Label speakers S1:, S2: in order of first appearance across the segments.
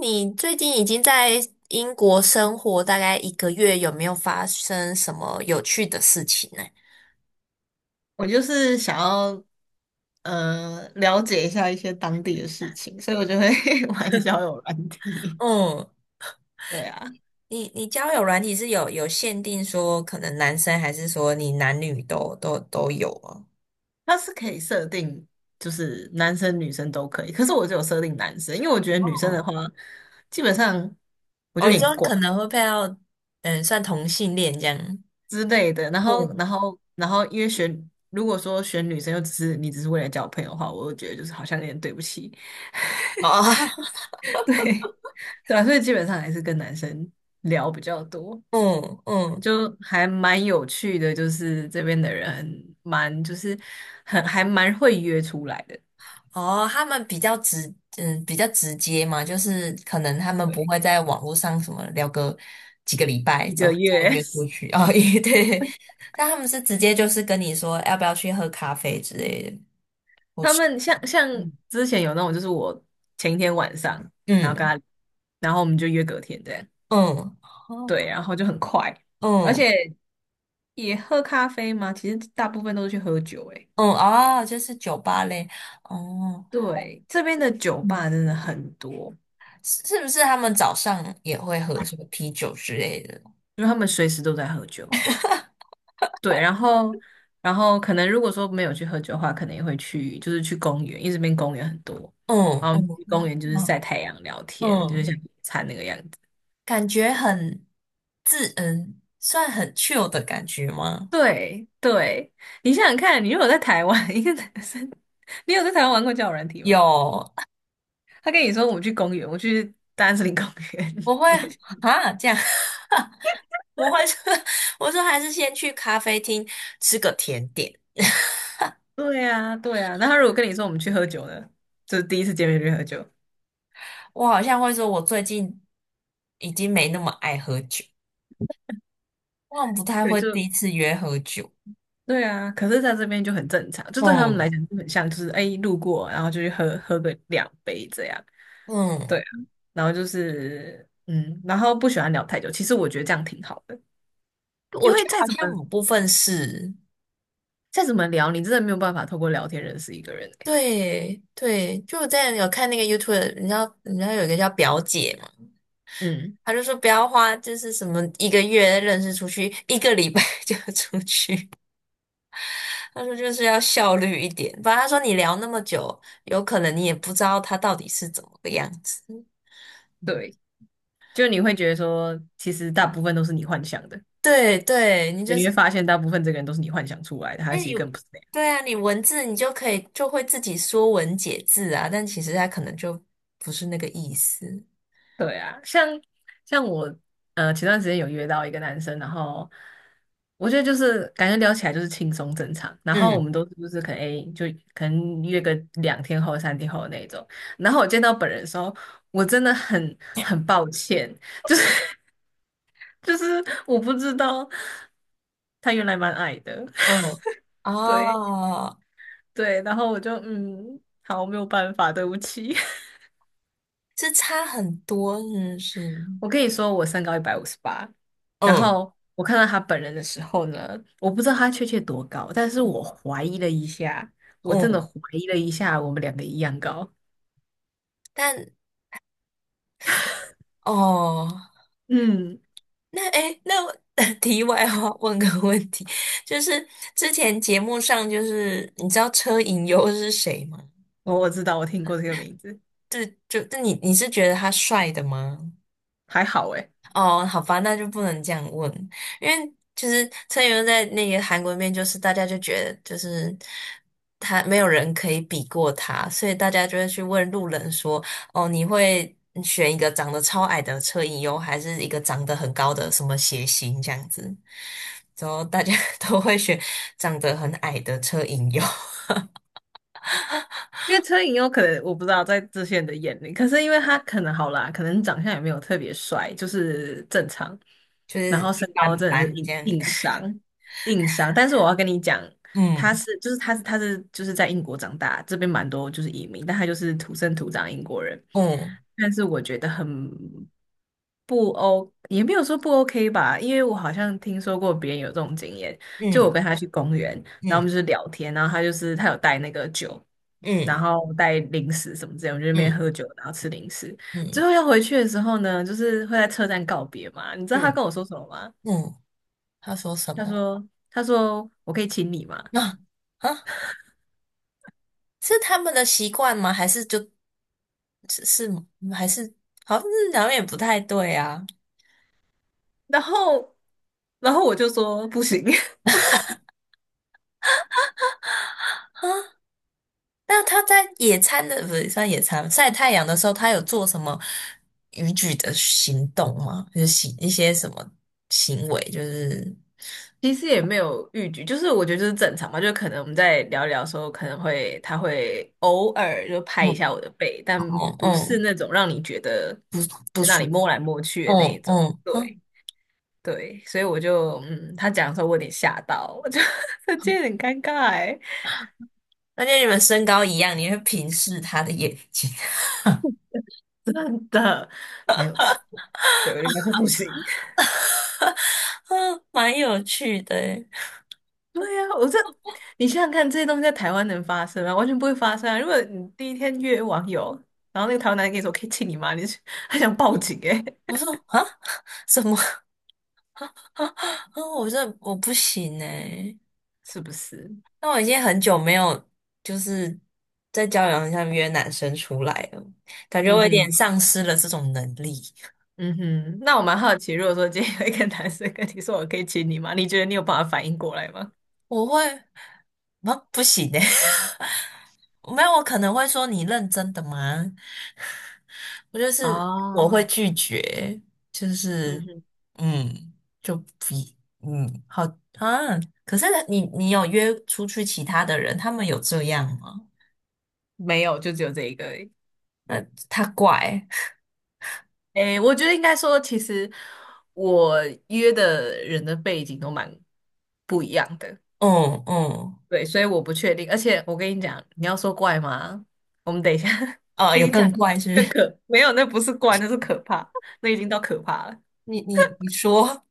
S1: 你最近已经在英国生活大概一个月，有没有发生什么有趣的事情呢？
S2: 我就是想要了解一下一些当地的事情，所以我就会 玩交友软体。
S1: 嗯，
S2: 对啊，
S1: 你交友软体是有限定说可能男生还是说你男女都有啊？
S2: 它是可以设定，就是男生女生都可以，可是我只有设定男生，因为我觉得女生
S1: 哦，
S2: 的话，基本上我就
S1: 哦，
S2: 有
S1: 你
S2: 点
S1: 说
S2: 怪
S1: 可能会配到，嗯，算同性恋这样。
S2: 之类的。然后，
S1: 嗯，
S2: 然后，然后，因为如果说选女生又只是你只是为了交朋友的话，我就觉得就是好像有点对不起，
S1: 哦，
S2: 对对啊，所以基本上还是跟男生聊比较多。
S1: 嗯嗯，
S2: 就还蛮有趣的，就是这边的人蛮就是很还蛮会约出来的，
S1: 哦，他们比较直，嗯，比较直接嘛，就是可能他们不
S2: 对，
S1: 会在网络上什么聊个几个礼拜
S2: 一
S1: 之
S2: 个
S1: 后再
S2: 月，
S1: 约出去哦，也对，但他们是直接就是跟你说要不要去喝咖啡之类的，或
S2: 他
S1: 是
S2: 们像
S1: 嗯。
S2: 之前有那种，就是我前一天晚上，然后跟
S1: 嗯。
S2: 他，然后我们就约隔天这样，
S1: 嗯。哦。
S2: 对，然后就很快，而
S1: 嗯。
S2: 且也喝咖啡吗？其实大部分都是去喝酒，欸诶，
S1: 嗯。哦，就是酒吧类。哦，
S2: 对，这边的酒
S1: 嗯，
S2: 吧真的很多，
S1: 是不是他们早上也会喝什么啤酒之类的？
S2: 因为他们随时都在喝酒。对，然后可能如果说没有去喝酒的话，可能也会去就是去公园，因为这边公园很多，
S1: 嗯。
S2: 然后我们
S1: 嗯。
S2: 去公园就是晒
S1: 嗯。
S2: 太阳、聊天，就是像
S1: 嗯。
S2: 野餐那个样子。
S1: 感觉很自嗯，算很 chill 的感觉吗？
S2: 对对，你想想看，你如果在台湾，一个男生，你有在台湾玩过交友软体吗？
S1: 有，
S2: 他跟你说我们去公园，我去大安森林公园，
S1: 我 会
S2: 你会想？
S1: 啊这样，我会说，我说还是先去咖啡厅吃个甜点。
S2: 对啊，对啊。那他如果跟你说我们去喝酒呢，就是第一次见面就去喝酒，
S1: 我好像会说，我最近已经没那么爱喝酒，我好像不太
S2: 对，
S1: 会
S2: 就
S1: 第一次约喝酒。
S2: 对啊，可是在这边就很正常，就对他们来
S1: 嗯
S2: 讲就很像，就是哎路过，然后就去喝喝个两杯这样，
S1: 嗯，
S2: 对啊，然后就是然后不喜欢聊太久，其实我觉得这样挺好的，
S1: 我
S2: 因
S1: 觉
S2: 为
S1: 得
S2: 再
S1: 好
S2: 怎么
S1: 像某部分是。
S2: 再怎么聊，你真的没有办法透过聊天认识一个人欸。
S1: 对对，就我之前有看那个 YouTube，你知道有一个叫表姐
S2: 嗯，
S1: 他就说不要花，就是什么一个月认识出去，一个礼拜 就要出去。他说就是要效率一点，不然他说你聊那么久，有可能你也不知道他到底是怎么个样子。嗯。
S2: 对，就你会觉得说，其实大部分都是你幻想的，
S1: 对对，你就
S2: 你
S1: 是
S2: 会发现大部分这个人都是你幻想出来的，
S1: 因
S2: 他
S1: 为
S2: 其
S1: 你
S2: 实更不是那样。
S1: 对啊，你文字你就可以就会自己说文解字啊，但其实他可能就不是那个意思。
S2: 对啊，像我前段时间有约到一个男生，然后我觉得就是感觉聊起来就是轻松正常，然后我
S1: 嗯
S2: 们都是就是可能诶就可能约个两天后三天后的那种，然后我见到本人的时候，我真的很抱歉，就是就是我不知道他原来蛮矮的，
S1: 嗯，
S2: 对
S1: 哦，
S2: 对，然后我就好没有办法，对不起。
S1: 这差很多，是不是。
S2: 我跟你说，我身高158，然
S1: 嗯
S2: 后我看到他本人的时候呢，我不知道他确切多高，但是我怀疑了一下，我真
S1: 嗯，
S2: 的怀疑了一下，我们两个一样高。
S1: 但哦。
S2: 嗯，
S1: 那哎诶，那我 题外话问个问题，就是之前节目上，就是你知道车银优是谁吗？
S2: 我知道，我听过这个名字，
S1: 就就那你是觉得他帅的吗？
S2: 还好诶。
S1: 哦，好吧，那就不能这样问，因为其实车银优在那个韩国面，就是大家就觉得就是他没有人可以比过他，所以大家就会去问路人说："哦，你会选一个长得超矮的车银优，还是一个长得很高的什么谐星这样子？"然后大家 都会选长得很矮的车银优，
S2: 因为车银优可能我不知道在这些人的眼里，可是因为他可能好啦，可能长相也没有特别帅，就是正常，
S1: 就
S2: 然
S1: 是
S2: 后
S1: 一
S2: 身高
S1: 般
S2: 真的是
S1: 般这
S2: 硬
S1: 样。
S2: 硬伤硬伤。但是我要跟你讲，他
S1: 嗯。
S2: 是就是他是他是就是在英国长大，这边蛮多就是移民，但他就是土生土长英国人。
S1: 嗯。
S2: 但是我觉得很不 O，也没有说不 OK 吧，因为我好像听说过别人有这种经验，就我
S1: 嗯。
S2: 跟他去公园，然后我
S1: 嗯。
S2: 们就是聊天，然后他就是他有带那个酒，然
S1: 嗯。
S2: 后带零食什么之类，我们就在那边
S1: 嗯。
S2: 喝酒，然后吃零食，最
S1: 嗯。
S2: 后要回去的时候呢，就是会在车站告别嘛，你知道他
S1: 嗯。
S2: 跟我说什么吗？
S1: 嗯，嗯。他说什
S2: 他
S1: 么？
S2: 说他说我可以亲你吗？
S1: 啊。啊，是他们的习惯吗？还是就是是吗还是好像是好像也不太对啊。
S2: 然后然后我就说不行，
S1: 那他在野餐的不是算野餐晒太阳的时候，他有做什么逾矩的行动吗？就是行一些什么行为，就是
S2: 其实也没有预局，就是我觉得就是正常嘛，就可能我们在聊一聊的时候，可能会他会偶尔就拍一
S1: 嗯。
S2: 下我的背，但
S1: 嗯。
S2: 不是
S1: 嗯。
S2: 那种让你觉得
S1: 不
S2: 在那
S1: 舒
S2: 里
S1: 服。
S2: 摸来摸去的那一
S1: 嗯
S2: 种。
S1: 嗯，哼。
S2: 对对，所以我就他讲的时候我有点吓到，我就 这有点尴尬哎，
S1: 而且你们身高一样，你会平视他的眼睛，
S2: 真的没有错，对，我就跟他说不行。
S1: 嗯，蛮有趣的欸。
S2: 对呀。你想想看，这些东西在台湾能发生吗？完全不会发生啊！如果你第一天约网友，然后那个台湾男人跟你说"可以亲你吗"，你是还想报警诶。
S1: 我说啊，什么？嗯，我这我不行哎。
S2: 是不是？
S1: 那我已经很久没有就是在交友上约男生出来了，感觉我
S2: 嗯
S1: 有点
S2: 哼，
S1: 丧失了这种能力。
S2: 嗯哼。那我蛮好奇，如果说今天有一个男生跟你说"我可以亲你吗"，你觉得你有办法反应过来吗？
S1: 我会，啊，不行的，没有，我可能会说你认真的吗？我就是我会
S2: 哦，
S1: 拒绝，就
S2: 嗯
S1: 是
S2: 哼，
S1: 嗯，就不嗯，好啊。可是你有约出去其他的人，他们有这样吗？
S2: 没有，就只有这一个而已
S1: 那他怪，
S2: 诶，我觉得应该说，其实我约的人的背景都蛮不一样的。
S1: 嗯嗯，
S2: 对，所以我不确定。而且我跟你讲，你要说怪吗？我们等一下
S1: 哦，
S2: 可
S1: 有
S2: 以
S1: 更
S2: 讲
S1: 怪是不是
S2: 没有，那不是怪，那是可怕，那已经到可怕了。
S1: 你说，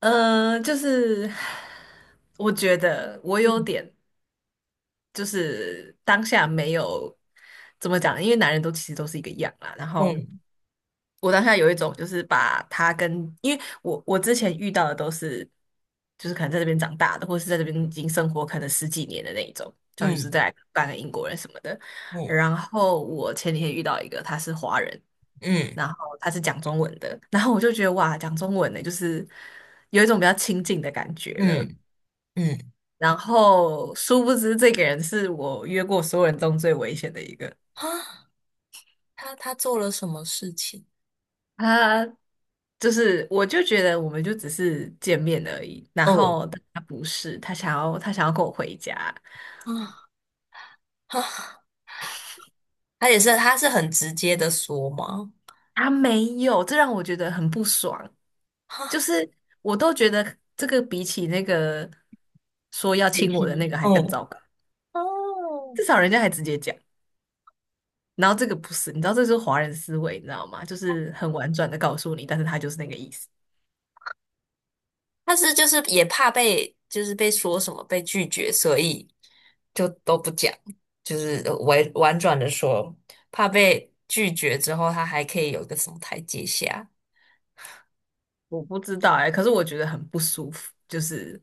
S2: 就是我觉得我有
S1: 嗯。
S2: 点就是当下没有怎么讲，因为男人都其实都是一个样啦，然后。
S1: 嗯。
S2: 我当下有一种就是把他跟，因为我之前遇到的都是，就是可能在这边长大的，或是在这边已经生活可能十几年的那一种，他们就是
S1: 嗯。
S2: 在半个英国人什么的。
S1: 嗯。
S2: 然后我前几天遇到一个，他是华人，
S1: 嗯。
S2: 然后他是讲中文的，然后我就觉得哇，讲中文的就是有一种比较亲近的感觉了。
S1: 嗯。嗯。
S2: 然后殊不知这个人是我约过所有人中最危险的一个。
S1: 啊，他做了什么事情？
S2: 他就是，我就觉得我们就只是见面而已，然
S1: 哦。
S2: 后但他不是，他想要跟我回家，
S1: 啊。啊，他也是他是很直接的说吗？
S2: 啊？没有，这让我觉得很不爽。就是我都觉得这个比起那个说要
S1: 被
S2: 亲我的
S1: 批。
S2: 那个还更
S1: 哦。
S2: 糟糕，
S1: 哦，
S2: 至少人家还直接讲。然后这个不是，你知道这就是华人思维，你知道吗？就是很婉转的告诉你，但是他就是那个意思。
S1: 他是就是也怕被就是被说什么被拒绝，所以就都不讲，就是委婉转的说，怕被拒绝之后，他还可以有一个什么台阶下。
S2: 我不知道哎。可是我觉得很不舒服，就是。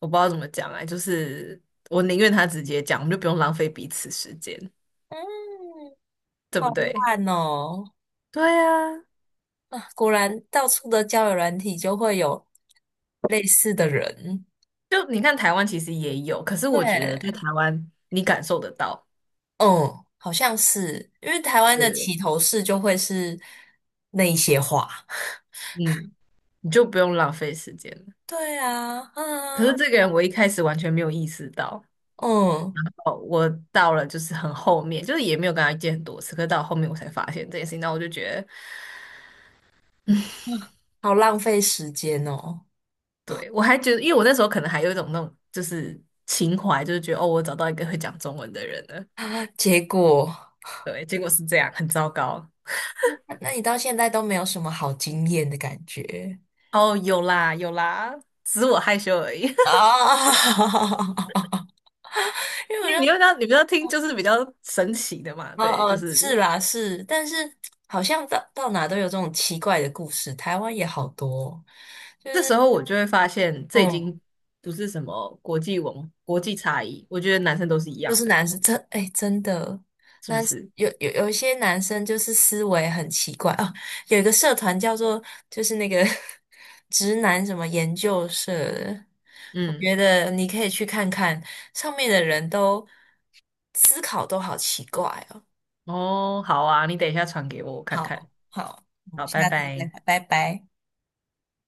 S2: 我不知道怎么讲哎，就是我宁愿他直接讲，我们就不用浪费彼此时间，
S1: 嗯，
S2: 对
S1: 好
S2: 不对？
S1: 烂哦。
S2: 对啊，
S1: 啊，果然到处的交友软体就会有类似的人。
S2: 就你看台湾其实也有，可是我觉得在
S1: 对，
S2: 台湾你感受得到，
S1: 嗯，好像是，因为台湾
S2: 对
S1: 的
S2: 对对，
S1: 起头式就会是那一些话。
S2: 嗯，你就不用浪费时间了。
S1: 对啊，
S2: 可
S1: 啊，
S2: 是这个人我一开始完全没有意识到，
S1: 嗯，
S2: 哦，我到了就是很后面，就是也没有跟他见很多次，可是到后面我才发现这件事情，那我就觉得。
S1: 好浪费时间哦。
S2: 对，我还觉得，因为我那时候可能还有一种那种就是情怀，就是觉得哦，我找到一个会讲中文的人了，
S1: 啊，结果，
S2: 对，结果是这样，很糟糕。
S1: 那你到现在都没有什么好经验的感觉
S2: 哦，有啦有啦，只是我害羞而已。
S1: 啊？因为我
S2: 因为
S1: 就
S2: 你不要听，就是比较神奇的嘛。
S1: 哦
S2: 对，就
S1: 哦，
S2: 是
S1: 是啦是，但是好像到哪都有这种奇怪的故事，台湾也好多哦就
S2: 这
S1: 是
S2: 时候我就会发现，这已
S1: 嗯，
S2: 经不是什么国际差异，我觉得男生都是一
S1: 就
S2: 样
S1: 是
S2: 的，
S1: 男生真的，
S2: 是
S1: 那
S2: 不是？
S1: 有一些男生就是思维很奇怪哦，有一个社团叫做就是那个 直男什么研究社的，我
S2: 嗯，
S1: 觉得你可以去看看，上面的人都思考都好奇怪哦，
S2: 哦，好啊，你等一下传给我，我看看。
S1: 好好，我
S2: 好，
S1: 们
S2: 拜
S1: 下次再
S2: 拜。
S1: 聊拜拜。